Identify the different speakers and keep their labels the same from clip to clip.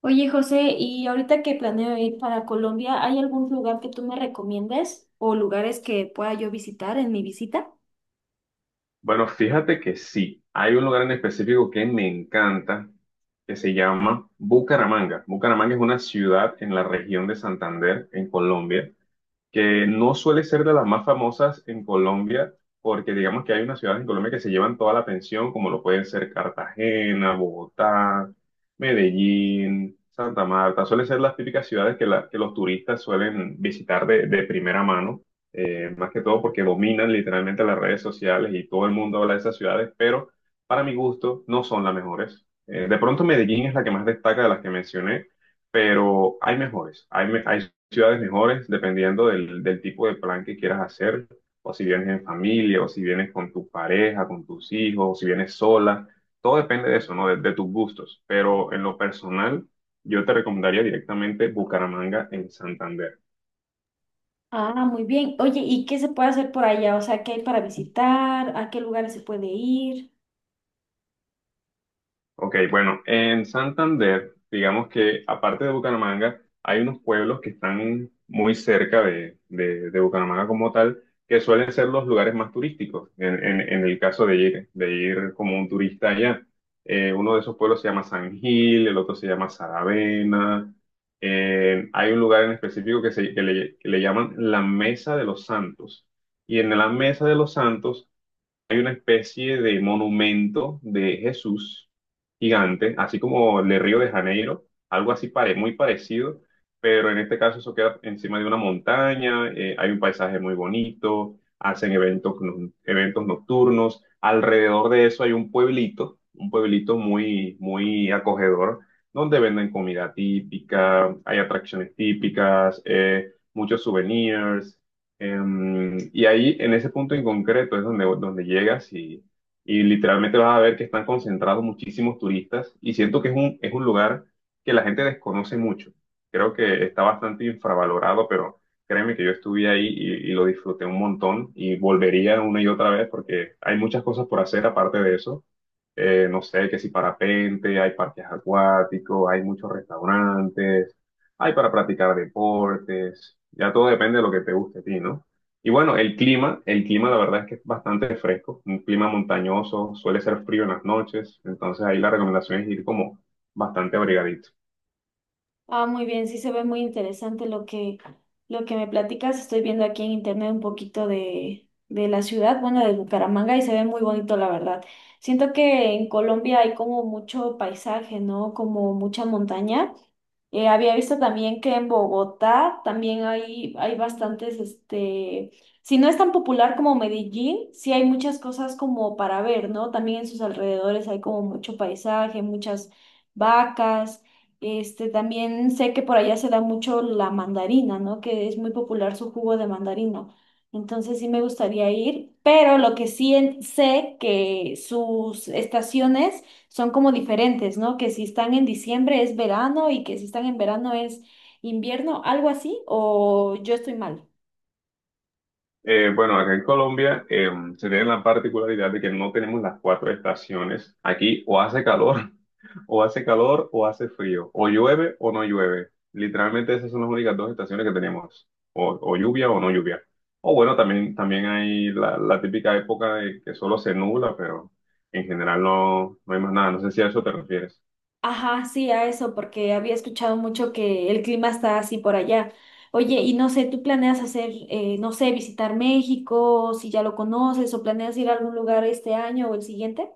Speaker 1: Oye, José, y ahorita que planeo ir para Colombia, ¿hay algún lugar que tú me recomiendes o lugares que pueda yo visitar en mi visita?
Speaker 2: Bueno, fíjate que sí, hay un lugar en específico que me encanta, que se llama Bucaramanga. Bucaramanga es una ciudad en la región de Santander, en Colombia que no suele ser de las más famosas en Colombia, porque digamos que hay unas ciudades en Colombia que se llevan toda la atención, como lo pueden ser Cartagena, Bogotá, Medellín, Santa Marta. Suelen ser las típicas ciudades que los turistas suelen visitar de primera mano, más que todo porque dominan literalmente las redes sociales y todo el mundo habla de esas ciudades, pero para mi gusto no son las mejores. De pronto Medellín es la que más destaca de las que mencioné, pero hay mejores, hay ciudades mejores, dependiendo del tipo de plan que quieras hacer, o si vienes en familia, o si vienes con tu pareja, con tus hijos, o si vienes sola, todo depende de eso, ¿no? De tus gustos, pero en lo personal, yo te recomendaría directamente Bucaramanga en Santander.
Speaker 1: Ah, muy bien. Oye, ¿y qué se puede hacer por allá? O sea, ¿qué hay para visitar? ¿A qué lugares se puede ir?
Speaker 2: Ok, bueno, en Santander, digamos que aparte de Bucaramanga, hay unos pueblos que están muy cerca de Bucaramanga como tal, que suelen ser los lugares más turísticos, en el caso de ir como un turista allá. Uno de esos pueblos se llama San Gil, el otro se llama Saravena. Hay un lugar en específico que le llaman la Mesa de los Santos. Y en la Mesa de los Santos hay una especie de monumento de Jesús gigante, así como el de Río de Janeiro, algo así muy parecido, pero en este caso eso queda encima de una montaña, hay un paisaje muy bonito, hacen eventos, eventos nocturnos, alrededor de eso hay un pueblito muy, muy acogedor, donde venden comida típica, hay atracciones típicas, muchos souvenirs. Y ahí, en ese punto en concreto, es donde, donde llegas y literalmente vas a ver que están concentrados muchísimos turistas y siento que es un lugar que la gente desconoce mucho. Creo que está bastante infravalorado, pero créeme que yo estuve ahí y lo disfruté un montón y volvería una y otra vez porque hay muchas cosas por hacer aparte de eso. No sé, que si parapente, hay parques acuáticos, hay muchos restaurantes hay para practicar deportes, ya todo depende de lo que te guste a ti, ¿no? Y bueno, el clima la verdad es que es bastante fresco, un clima montañoso, suele ser frío en las noches, entonces ahí la recomendación es ir como bastante abrigadito.
Speaker 1: Ah, muy bien, sí se ve muy interesante lo que me platicas. Estoy viendo aquí en internet un poquito de la ciudad, bueno, de Bucaramanga, y se ve muy bonito, la verdad. Siento que en Colombia hay como mucho paisaje, ¿no? Como mucha montaña. Había visto también que en Bogotá también hay bastantes, este, si no es tan popular como Medellín, sí hay muchas cosas como para ver, ¿no? También en sus alrededores hay como mucho paisaje, muchas vacas. Este, también sé que por allá se da mucho la mandarina, ¿no? Que es muy popular su jugo de mandarina. Entonces sí me gustaría ir, pero lo que sé que sus estaciones son como diferentes, ¿no? Que si están en diciembre es verano y que si están en verano es invierno, algo así, o yo estoy mal.
Speaker 2: Bueno, acá en Colombia se tiene la particularidad de que no tenemos las cuatro estaciones. Aquí o hace calor, o hace calor, o hace frío, o llueve o no llueve. Literalmente esas son las únicas dos estaciones que tenemos, o lluvia o no lluvia. O bueno, también hay la típica época de que solo se nubla, pero en general no hay más nada. No sé si a eso te refieres.
Speaker 1: Ajá, sí, a eso, porque había escuchado mucho que el clima está así por allá. Oye, y no sé, ¿tú planeas hacer, no sé, visitar México, si ya lo conoces, o planeas ir a algún lugar este año o el siguiente?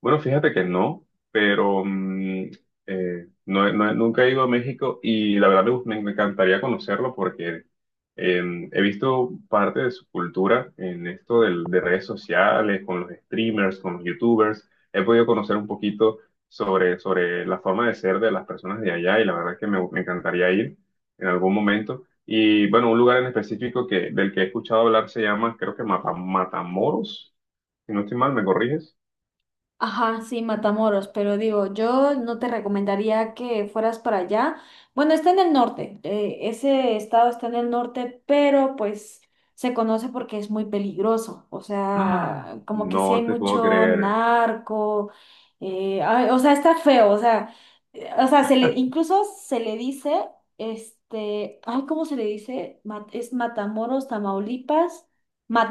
Speaker 2: Bueno, fíjate que no, pero no, nunca he ido a México y la verdad me, me encantaría conocerlo porque he visto parte de su cultura en esto de redes sociales, con los streamers, con los youtubers. He podido conocer un poquito sobre la forma de ser de las personas de allá y la verdad es que me encantaría ir en algún momento. Y bueno, un lugar en específico del que he escuchado hablar se llama, creo que Matamoros, si no estoy mal, ¿me corriges?
Speaker 1: Ajá, sí, Matamoros, pero digo, yo no te recomendaría que fueras para allá. Bueno, está en el norte, ese estado está en el norte, pero pues se conoce porque es muy peligroso, o
Speaker 2: Ah,
Speaker 1: sea, como que sí
Speaker 2: no
Speaker 1: hay
Speaker 2: te puedo
Speaker 1: mucho
Speaker 2: creer.
Speaker 1: narco, ay, o sea, está feo, o sea, se le, incluso se le dice, este, ay, ¿cómo se le dice? Es Matamoros, Tamaulipas,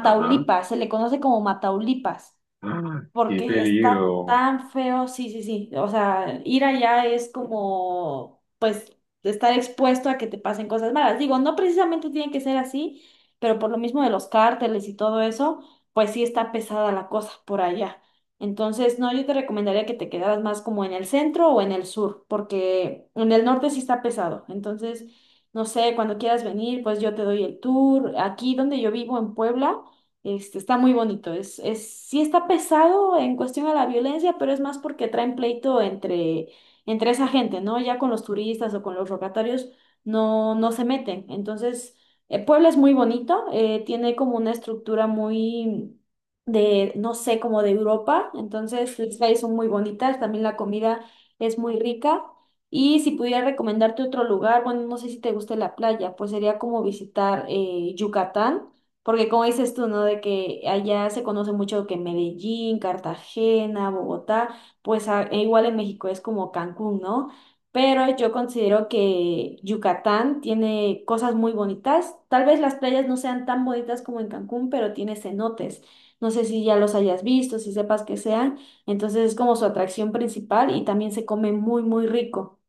Speaker 2: Ajá.
Speaker 1: se le conoce como Mataulipas
Speaker 2: Ah, qué
Speaker 1: porque está
Speaker 2: peligro.
Speaker 1: tan feo, sí, sí, sí. O sea, ir allá es como, pues, estar expuesto a que te pasen cosas malas. Digo, no precisamente tiene que ser así, pero por lo mismo de los cárteles y todo eso, pues sí está pesada la cosa por allá. Entonces, no, yo te recomendaría que te quedaras más como en el centro o en el sur, porque en el norte sí está pesado. Entonces, no sé, cuando quieras venir, pues yo te doy el tour. Aquí donde yo vivo, en Puebla, este, está muy bonito. Sí está pesado en cuestión a la violencia, pero es más porque traen pleito entre esa gente, ¿no? Ya con los turistas o con los locatarios no se meten. Entonces, Puebla es muy bonito, tiene como una estructura muy de, no sé, como de Europa. Entonces, las calles son muy bonitas, también la comida es muy rica. Y si pudiera recomendarte otro lugar, bueno, no sé si te guste la playa, pues sería como visitar Yucatán. Porque como dices tú, ¿no? De que allá se conoce mucho que Medellín, Cartagena, Bogotá, pues e igual en México es como Cancún, ¿no? Pero yo considero que Yucatán tiene cosas muy bonitas. Tal vez las playas no sean tan bonitas como en Cancún, pero tiene cenotes. No sé si ya los hayas visto, si sepas que sean. Entonces es como su atracción principal y también se come muy, muy rico.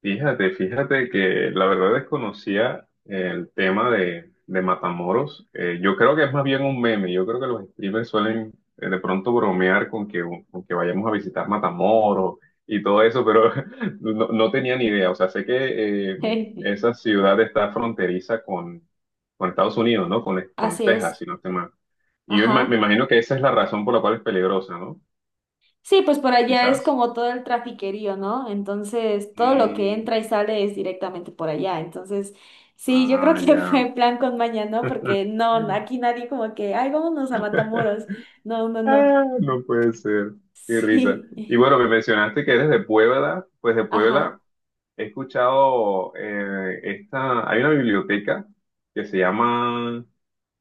Speaker 2: Fíjate, fíjate que la verdad desconocía el tema de Matamoros. Yo creo que es más bien un meme. Yo creo que los streamers suelen de pronto bromear con que vayamos a visitar Matamoros y todo eso, pero no, no tenía ni idea. O sea, sé que esa ciudad está fronteriza con Estados Unidos, ¿no? Con
Speaker 1: Así
Speaker 2: Texas,
Speaker 1: es.
Speaker 2: si no estoy mal. Y yo me
Speaker 1: Ajá.
Speaker 2: imagino que esa es la razón por la cual es peligrosa, ¿no?
Speaker 1: Sí, pues por allá es
Speaker 2: Quizás.
Speaker 1: como todo el trafiquerío, ¿no? Entonces, todo lo que
Speaker 2: Mm.
Speaker 1: entra y sale es directamente por allá. Entonces, sí, yo creo
Speaker 2: Ah,
Speaker 1: que
Speaker 2: ya.
Speaker 1: fue plan con maña, ¿no? Porque no, aquí nadie como que, ay, vámonos a Matamoros. No, no, no.
Speaker 2: Ah, no puede ser. Qué risa.
Speaker 1: Sí.
Speaker 2: Y bueno, me mencionaste que eres de Puebla. Pues de
Speaker 1: Ajá,
Speaker 2: Puebla he escuchado esta. Hay una biblioteca que se llama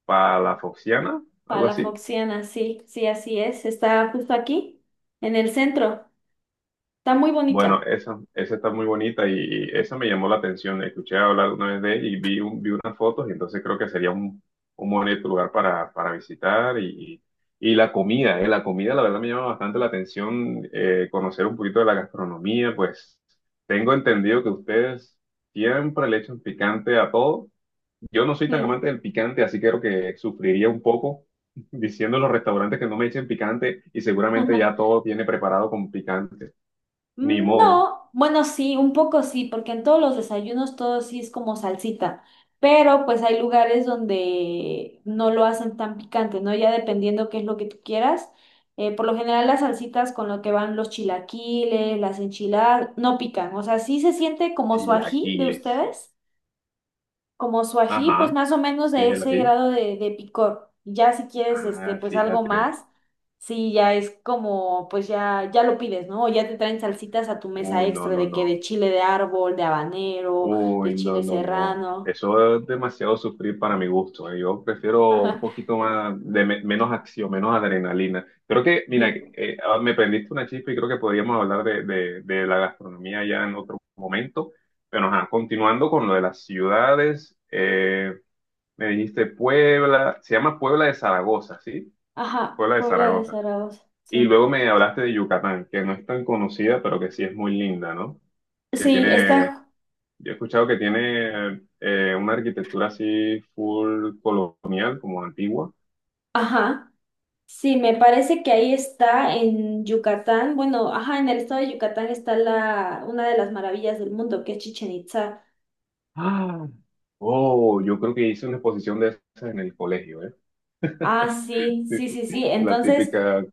Speaker 2: Palafoxiana,
Speaker 1: para
Speaker 2: algo
Speaker 1: la
Speaker 2: así.
Speaker 1: Foxiana, sí, sí, así es. Está justo aquí, en el centro. Está muy
Speaker 2: Bueno,
Speaker 1: bonita.
Speaker 2: esa está muy bonita y esa me llamó la atención. Escuché hablar una vez de ella y vi unas fotos y entonces creo que sería un bonito lugar para visitar y la comida, la comida la verdad me llama bastante la atención conocer un poquito de la gastronomía, pues tengo entendido que ustedes siempre le echan picante a todo. Yo no soy tan amante
Speaker 1: Sí.
Speaker 2: del picante, así que creo que sufriría un poco diciendo en los restaurantes que no me echen picante y seguramente ya todo viene preparado con picante. Ni
Speaker 1: Mm,
Speaker 2: modo.
Speaker 1: no, bueno, sí, un poco sí, porque en todos los desayunos todo sí es como salsita, pero pues hay lugares donde no lo hacen tan picante, ¿no? Ya dependiendo qué es lo que tú quieras. Por lo general las salsitas con lo que van los chilaquiles, las enchiladas, no pican, o sea, sí se siente como su ají de
Speaker 2: Chilaquiles.
Speaker 1: ustedes, como su ají, pues
Speaker 2: Ajá.
Speaker 1: más o menos
Speaker 2: Sí,
Speaker 1: de
Speaker 2: el
Speaker 1: ese
Speaker 2: ají.
Speaker 1: grado de picor. Ya si quieres, este,
Speaker 2: Ah,
Speaker 1: pues algo
Speaker 2: fíjate.
Speaker 1: más, sí, ya es como, pues ya, ya lo pides, ¿no? O ya te traen salsitas a tu mesa
Speaker 2: Uy, no,
Speaker 1: extra
Speaker 2: no,
Speaker 1: de que de
Speaker 2: no.
Speaker 1: chile de árbol, de habanero, de
Speaker 2: Uy, no,
Speaker 1: chile
Speaker 2: no, no.
Speaker 1: serrano.
Speaker 2: Eso es demasiado sufrir para mi gusto. Yo prefiero un
Speaker 1: Ajá,
Speaker 2: poquito más de menos acción, menos adrenalina. Creo que, mira,
Speaker 1: sí.
Speaker 2: me prendiste una chispa y creo que podríamos hablar de, de la gastronomía ya en otro momento. Pero, ajá, continuando con lo de las ciudades, me dijiste Puebla, se llama Puebla de Zaragoza, ¿sí?
Speaker 1: Ajá,
Speaker 2: Puebla de
Speaker 1: Puebla de
Speaker 2: Zaragoza.
Speaker 1: Zaragoza,
Speaker 2: Y
Speaker 1: sí.
Speaker 2: luego me hablaste de Yucatán, que no es tan conocida, pero que sí es muy linda, ¿no? Que
Speaker 1: Sí,
Speaker 2: tiene,
Speaker 1: está,
Speaker 2: yo he escuchado que tiene una arquitectura así full colonial, como antigua.
Speaker 1: ajá. Sí, me parece que ahí está en Yucatán. Bueno, ajá, en el estado de Yucatán está la, una de las maravillas del mundo, que es Chichen Itzá.
Speaker 2: Ah, oh, yo creo que hice una exposición de esas en el colegio, ¿eh?
Speaker 1: Ah, sí,
Speaker 2: Sí,
Speaker 1: sí, sí, sí.
Speaker 2: sí, la
Speaker 1: Entonces,
Speaker 2: típica.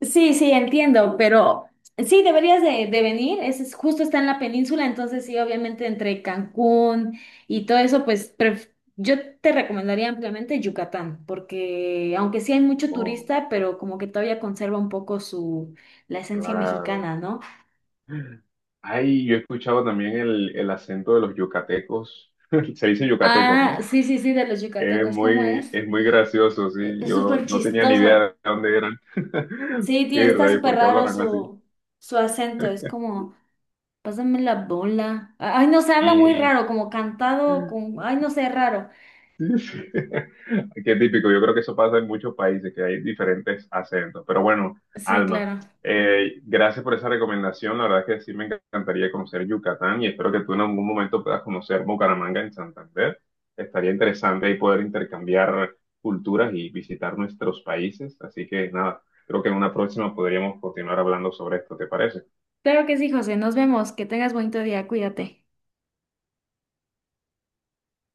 Speaker 1: sí, sí, entiendo, pero sí, deberías de venir. Justo está en la península, entonces sí, obviamente entre Cancún y todo eso, yo te recomendaría ampliamente Yucatán, porque aunque sí hay mucho
Speaker 2: Oh,
Speaker 1: turista, pero como que todavía conserva un poco su la esencia
Speaker 2: claro.
Speaker 1: mexicana, ¿no?
Speaker 2: Ay, yo he escuchado también el acento de los yucatecos. Se dice yucatecos,
Speaker 1: Ah,
Speaker 2: ¿no?
Speaker 1: sí, sí, sí, de los yucatecos, ¿cómo es?
Speaker 2: Es muy gracioso, sí.
Speaker 1: Es
Speaker 2: Yo
Speaker 1: súper
Speaker 2: no tenía ni idea
Speaker 1: chistoso.
Speaker 2: de dónde eran.
Speaker 1: Sí, tiene,
Speaker 2: Qué
Speaker 1: está
Speaker 2: rayos,
Speaker 1: súper
Speaker 2: ¿por qué
Speaker 1: raro
Speaker 2: hablarán así?
Speaker 1: su, su acento, es como... Pásame la bola. Ay, no sé, habla muy
Speaker 2: Y
Speaker 1: raro, como cantado, con... Ay, no sé, raro.
Speaker 2: sí, sí. Qué típico. Yo creo que eso pasa en muchos países, que hay diferentes acentos. Pero bueno,
Speaker 1: Sí,
Speaker 2: Alma,
Speaker 1: claro.
Speaker 2: gracias por esa recomendación. La verdad es que sí me encantaría conocer Yucatán y espero que tú en algún momento puedas conocer Bucaramanga en Santander. Estaría interesante ahí poder intercambiar culturas y visitar nuestros países. Así que nada, creo que en una próxima podríamos continuar hablando sobre esto. ¿Te parece?
Speaker 1: Claro que sí, José. Nos vemos. Que tengas bonito día. Cuídate.